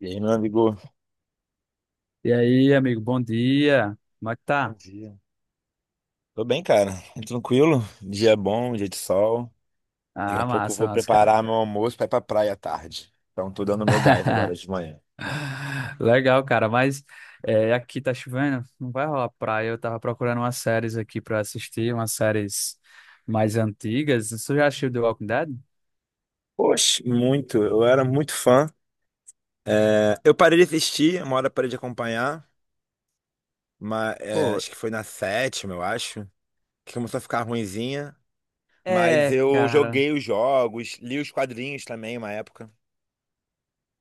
E aí, meu amigo? E aí, amigo, bom dia. Como é que Bom tá? dia. Tô bem, cara. Tranquilo. Dia bom, dia de sol. Daqui Ah, a pouco eu massa, vou massa, cara. preparar meu almoço pra ir pra praia à tarde. Então, tô dando meu gás agora de manhã. Legal, cara, mas aqui tá chovendo, não vai rolar praia. Eu tava procurando umas séries aqui pra assistir, umas séries mais antigas. Você já assistiu The Walking Dead? Poxa, muito. Eu era muito fã. É, eu parei de assistir, uma hora eu parei de acompanhar. Mas, Pô, acho que foi na sétima, eu acho. Que começou a ficar ruinzinha. Mas é, eu cara. joguei os jogos, li os quadrinhos também, uma época.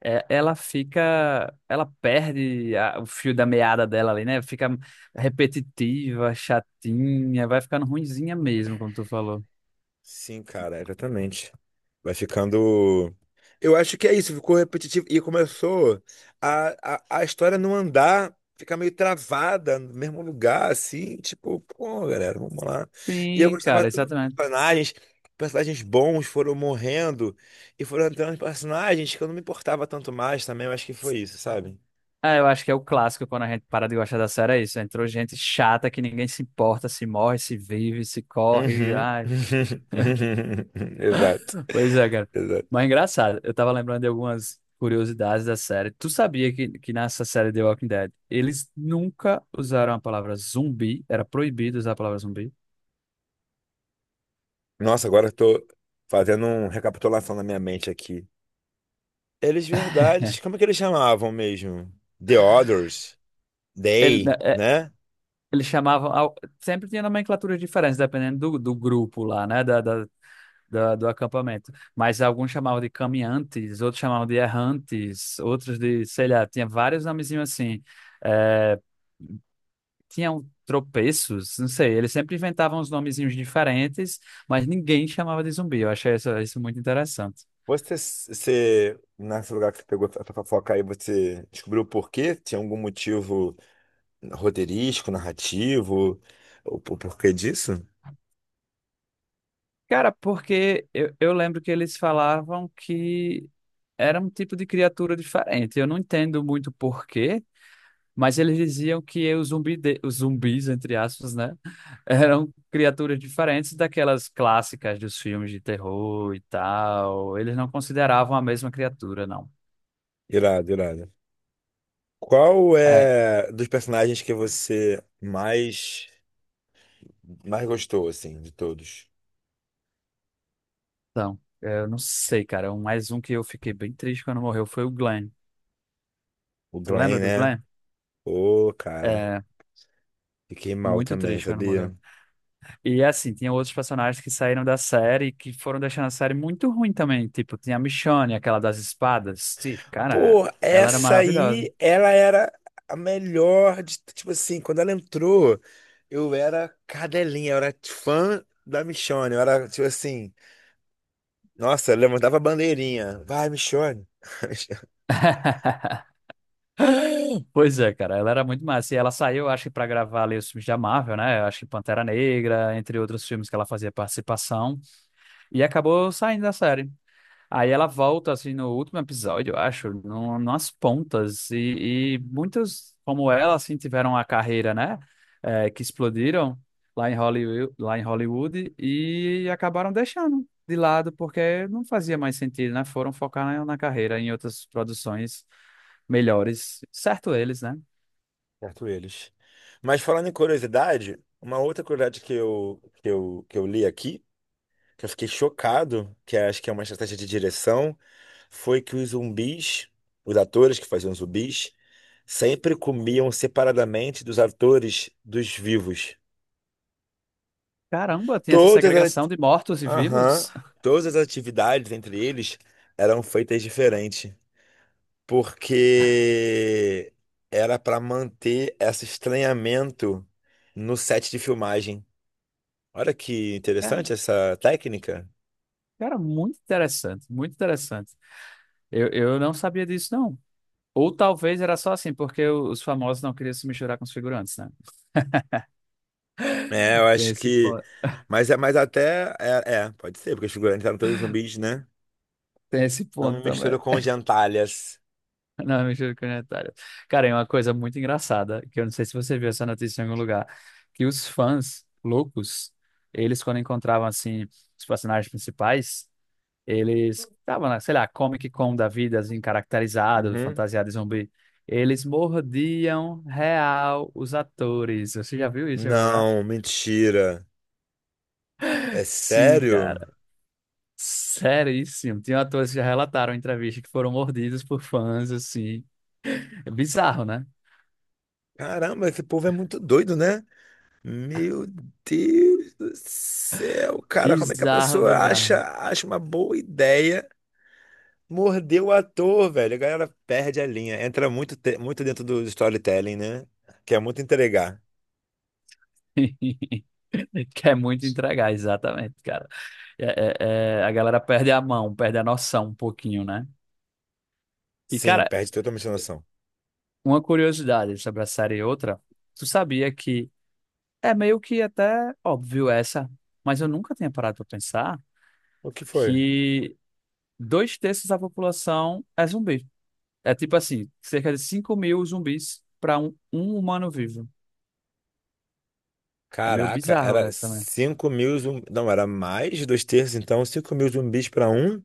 É, ela fica. Ela perde o fio da meada dela ali, né? Fica repetitiva, chatinha, vai ficando ruinzinha mesmo, como tu falou. Sim, cara, exatamente. Vai ficando. Eu acho que é isso, ficou repetitivo e começou a, a história não andar, ficar meio travada no mesmo lugar, assim, tipo, pô, galera, vamos lá. E eu Sim, gostava cara, tanto dos exatamente. personagens, personagens bons foram morrendo e foram entrando personagens que eu não me importava tanto mais também, eu acho que foi isso, sabe? Ah, eu acho que é o clássico quando a gente para de gostar da série, é isso. Entrou gente chata que ninguém se importa, se morre, se vive, se corre. Uhum. Ai, Exato, pois é, cara. Mas é exato. engraçado, eu tava lembrando de algumas curiosidades da série. Tu sabia que nessa série The Walking Dead, eles nunca usaram a palavra zumbi, era proibido usar a palavra zumbi. Nossa, agora eu tô fazendo uma recapitulação na minha mente aqui. Eles verdade. Como é que eles chamavam mesmo? The Others, Né, They, né? eles chamavam. Sempre tinha nomenclaturas diferentes, dependendo do grupo lá, né? Do acampamento. Mas alguns chamavam de caminhantes, outros chamavam de errantes, outros de, sei lá, tinha vários nomezinhos assim. É, tinham tropeços, não sei, eles sempre inventavam uns nomezinhos diferentes, mas ninguém chamava de zumbi. Eu achei isso muito interessante. Nesse lugar que você pegou essa fofoca aí, você descobriu o porquê? Tinha algum motivo roteirístico, narrativo? O porquê disso? Cara, porque eu lembro que eles falavam que era um tipo de criatura diferente. Eu não entendo muito porquê. Mas eles diziam que os zumbis, entre aspas, né? Eram criaturas diferentes daquelas clássicas dos filmes de terror e tal. Eles não consideravam a mesma criatura, não. Irado, irado. Qual É, é dos personagens que você mais gostou, assim, de todos? então, eu não sei, cara. Mais um que eu fiquei bem triste quando morreu foi o Glenn. O Tu Glenn, lembra do né? Glenn? Ô, cara, É, fiquei mal muito também, triste quando morreu. sabia? E assim, tinha outros personagens que saíram da série e que foram deixando a série muito ruim também. Tipo, tinha a Michonne, aquela das espadas. Sim, cara, Pô, ela era essa maravilhosa. aí, ela era a melhor de, tipo assim, quando ela entrou, eu era cadelinha, eu era fã da Michonne, eu era, tipo assim, nossa, eu levantava a bandeirinha, vai, Michonne. Pois é, cara, ela era muito massa. E ela saiu, acho que, pra gravar ali os filmes da Marvel, né? Acho que Pantera Negra, entre outros filmes que ela fazia participação. E acabou saindo da série. Aí ela volta, assim, no último episódio, eu acho, no, nas pontas. E muitas, como ela, assim, tiveram a carreira, né? Que explodiram lá em Hollywood e acabaram deixando de lado, porque não fazia mais sentido, né? Foram focar na carreira, em outras produções melhores. Certo eles, né? Certo eles. Mas falando em curiosidade, uma outra curiosidade que eu li aqui, que eu fiquei chocado, que é, acho que é uma estratégia de direção, foi que os zumbis, os atores que faziam zumbis, sempre comiam separadamente dos atores dos vivos. Caramba, tem essa Todas as, segregação de mortos e aham, vivos. todas as atividades entre eles eram feitas diferente, porque era para manter esse estranhamento no set de filmagem. Olha que É, interessante essa técnica. cara, muito interessante, muito interessante. Eu não sabia disso, não. Ou talvez era só assim, porque os famosos não queriam se misturar com os figurantes, né? É, eu Tem acho esse que. ponto, Mas é mas até. Pode ser, porque os figurantes eram todos zumbis, né? tem esse Não me ponto também. misturo com gentalhas. Não, mistura comunitária. Cara, é uma coisa muito engraçada, que eu não sei se você viu essa notícia em algum lugar, que os fãs loucos, eles quando encontravam, assim, os personagens principais, eles estavam na, sei lá, Comic Con da vida, assim, caracterizado, Uhum. fantasiado de zumbi. Eles mordiam real os atores. Você já viu isso em algum lugar? Não, mentira. É Sim, sério? cara. Seríssimo. Tinha atores que já relataram em entrevista que foram mordidos por fãs, assim. É bizarro, né? Caramba, esse povo é muito doido, né? Meu Deus do céu, cara, como é que a Bizarro, pessoa bizarro. acha uma boa ideia morder o ator, velho? A galera perde a linha, entra muito, muito dentro do storytelling, né? Quer muito entregar. Quer muito entregar, exatamente, cara. É, a galera perde a mão, perde a noção um pouquinho, né? E, Sim, cara, perde totalmente a noção. uma curiosidade sobre a série e outra, tu sabia que é meio que até óbvio essa, mas eu nunca tinha parado pra pensar O que foi? que dois terços da população é zumbi. É tipo assim, cerca de 5.000 zumbis para um humano vivo. É meio Caraca, bizarro era essa, né? 5 mil zumbis. Não, era mais de dois terços, então 5 mil zumbis pra um.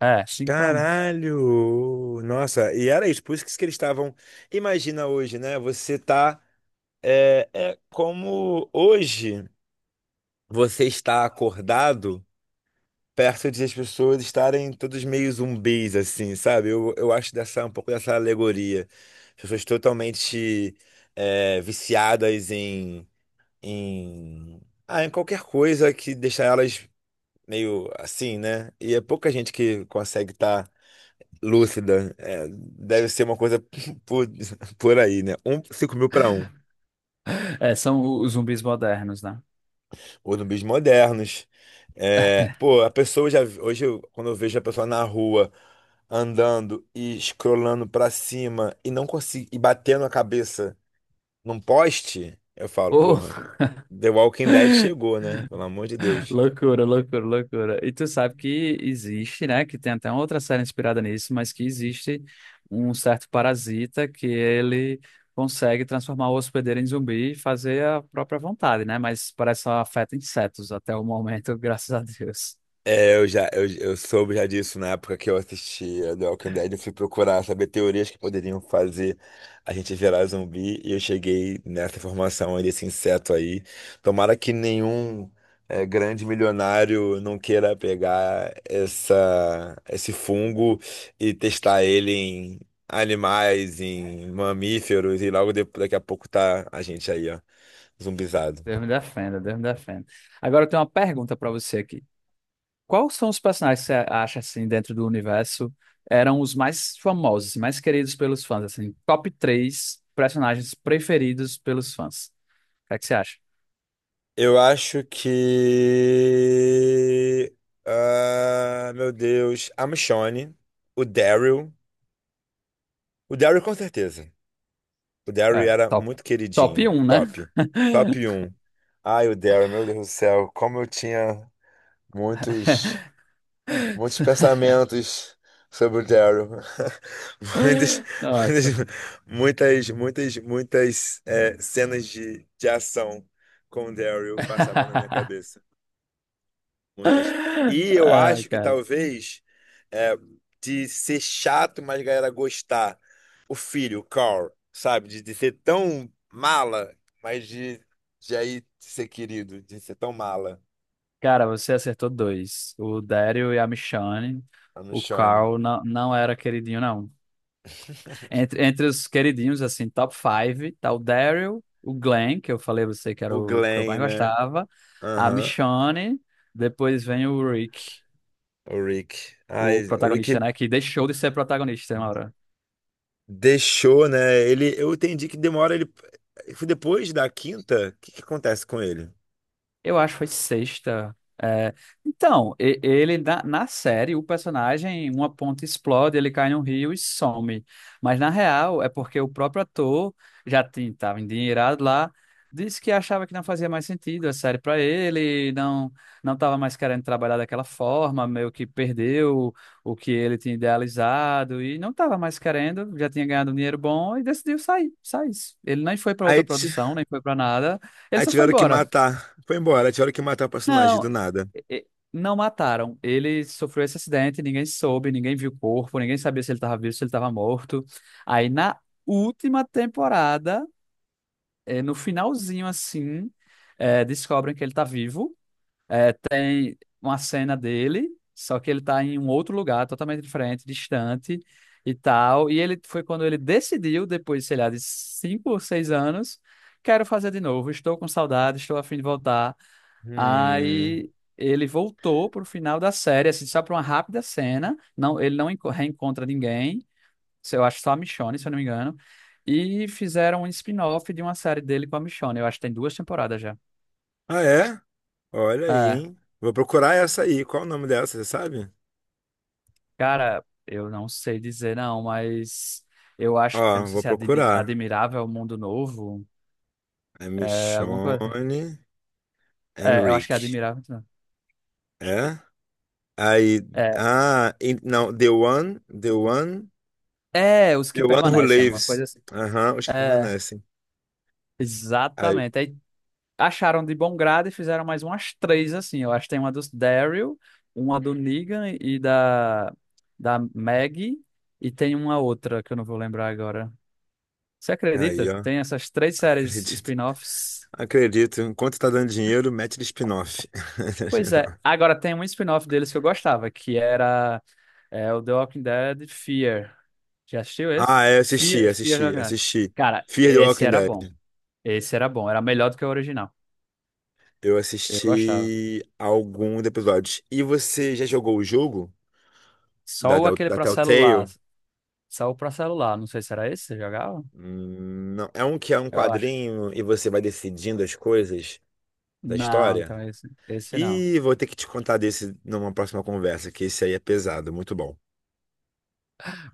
É, 5 para um. Caralho! Nossa, e era isso, por isso que eles estavam. Imagina hoje, né? Você tá. É como hoje você está acordado perto de as pessoas estarem todos meio zumbis, assim, sabe? Eu acho dessa, um pouco dessa alegoria. As pessoas totalmente, viciadas em, em. Ah, em qualquer coisa que deixa elas meio assim, né? E é pouca gente que consegue estar lúcida, deve ser uma coisa por, por aí, né? Um, 5 mil para 1. É, são os zumbis modernos, né? Ou zumbis modernos. É, pô, a pessoa já. Hoje, quando eu vejo a pessoa na rua andando e escrolando para cima e não consigo, e batendo a cabeça num poste, eu falo, porra, Oh, The Walking Dead chegou, né? Pelo amor de Deus. loucura, loucura, loucura. E tu sabe que existe, né? Que tem até uma outra série inspirada nisso, mas que existe um certo parasita que ele consegue transformar o hospedeiro em zumbi e fazer a própria vontade, né? Mas parece só afeta insetos até o momento, graças a Deus. É, eu soube já disso na época que eu assistia The Walking Dead, eu fui procurar saber teorias que poderiam fazer a gente virar zumbi e eu cheguei nessa informação aí desse inseto aí. Tomara que nenhum, grande milionário não queira pegar essa esse fungo e testar ele em animais, em mamíferos e logo daqui a pouco tá a gente aí, ó, zumbizado. Deus me defenda, Deus me defenda. Agora eu tenho uma pergunta para você aqui. Quais são os personagens que você acha assim dentro do universo eram os mais famosos, mais queridos pelos fãs, assim, top três personagens preferidos pelos fãs? O que é que você acha? Eu acho que. Ah, meu Deus. A Michonne, o Daryl. O Daryl, com certeza. O Daryl É, era top. muito Top queridinho. um, né? Top. Top um. Ai, o Daryl, meu Deus do céu. Como eu tinha muitos, muitos pensamentos sobre o Daryl. Muitas, Nossa. muitas, muitas, muitas, muitas, cenas de ação com o Daryl passavam na minha cabeça. Muitas. E eu Ah, acho que cara. talvez, é, de ser chato, mas a galera gostar. O filho, o Carl, sabe? De ser tão mala, mas de aí ser querido, de ser tão mala. Cara, você acertou dois. O Daryl e a Michonne. A O Michonne. Carl não, não era queridinho, não. Entre os queridinhos, assim, top five tá o Daryl, o Glenn, que eu falei a você que era O o que eu mais Glenn, né? gostava, a Aham. Michonne, depois vem o Rick, O Rick. o Ai, o Rick protagonista, né, que deixou de ser protagonista uma hora. deixou, né? Ele, eu entendi que demora ele. Foi depois da quinta? O que que acontece com ele? Eu acho que foi sexta. É, então, ele na série, o personagem, uma ponta explode, ele cai num rio e some. Mas na real, é porque o próprio ator já estava endinheirado lá, disse que achava que não fazia mais sentido a série para ele, não estava mais querendo trabalhar daquela forma, meio que perdeu o que ele tinha idealizado e não estava mais querendo, já tinha ganhado um dinheiro bom e decidiu sair, sair. Ele nem foi para outra Aí produção, nem foi para nada, ele Aí só foi tiveram que embora. matar. Foi embora, aí tiveram que matar o personagem do Não, nada. Não mataram. Ele sofreu esse acidente, ninguém soube, ninguém viu o corpo, ninguém sabia se ele estava vivo, se ele estava morto. Aí na última temporada, no finalzinho assim, descobrem que ele está vivo, tem uma cena dele, só que ele tá em um outro lugar, totalmente diferente, distante e tal. E ele foi quando ele decidiu, depois, sei lá, de 5 ou 6 anos, quero fazer de novo, estou com saudade, estou a fim de voltar. Hum. Aí ele voltou pro final da série, assim, só pra uma rápida cena. Não, ele não reencontra ninguém, eu acho só a Michonne, se eu não me engano. E fizeram um spin-off de uma série dele com a Michonne. Eu acho que tem duas temporadas já. Ah, é? Olha aí, É. hein? Vou procurar essa aí. Qual o nome dela, você sabe? Cara, eu não sei dizer não, mas eu acho, eu não Ó, sei vou se é procurar. admirável é o mundo novo, É é alguma coisa. Michonne É, eu acho que é Henrique. admirável. Não. É? Aí. Ah, não. The One. The One. É, é os que The One Who permanecem, alguma Lives. coisa assim. Aham, os que É, permanecem. Aí, exatamente. Aí acharam de bom grado e fizeram mais umas três assim. Eu acho que tem uma dos Daryl, uma do Negan e da Maggie e tem uma outra que eu não vou lembrar agora. Você acredita? ó. Tem essas três séries Acredito. spin-offs. Acredito. Enquanto tá dando dinheiro, mete de spin-off. Pois é. Agora tem um spin-off deles que eu gostava, que era o The Walking Dead Fear. Já assistiu Ah, esse? é, eu assisti, Fear, Fear the assisti, Walking Dead. assisti. Cara, Fear the esse Walking era bom. Dead. Esse era bom. Era melhor do que o original. Eu Eu gostava. assisti alguns episódios. E você já jogou o jogo da, Só o da, aquele da pra celular. Telltale? Só o pra celular. Não sei se era esse que você jogava. Hum. Não. É um que é um Eu acho. quadrinho e você vai decidindo as coisas da Não, história? então esse não. E vou ter que te contar desse numa próxima conversa, que esse aí é pesado, muito bom.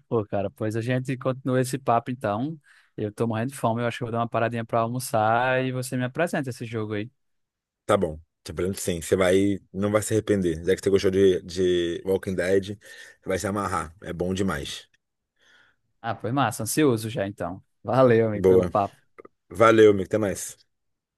Pô, cara, pois a gente continua esse papo então. Eu tô morrendo de fome. Eu acho que eu vou dar uma paradinha pra almoçar e você me apresenta esse jogo aí. Tá bom. Te prometo sim, você vai, não vai se arrepender. Já que você gostou de Walking Dead, você vai se amarrar. É bom demais. Ah, foi massa, ansioso já então. Valeu, amigo, pelo Boa. papo. Valeu, amigo. Até mais.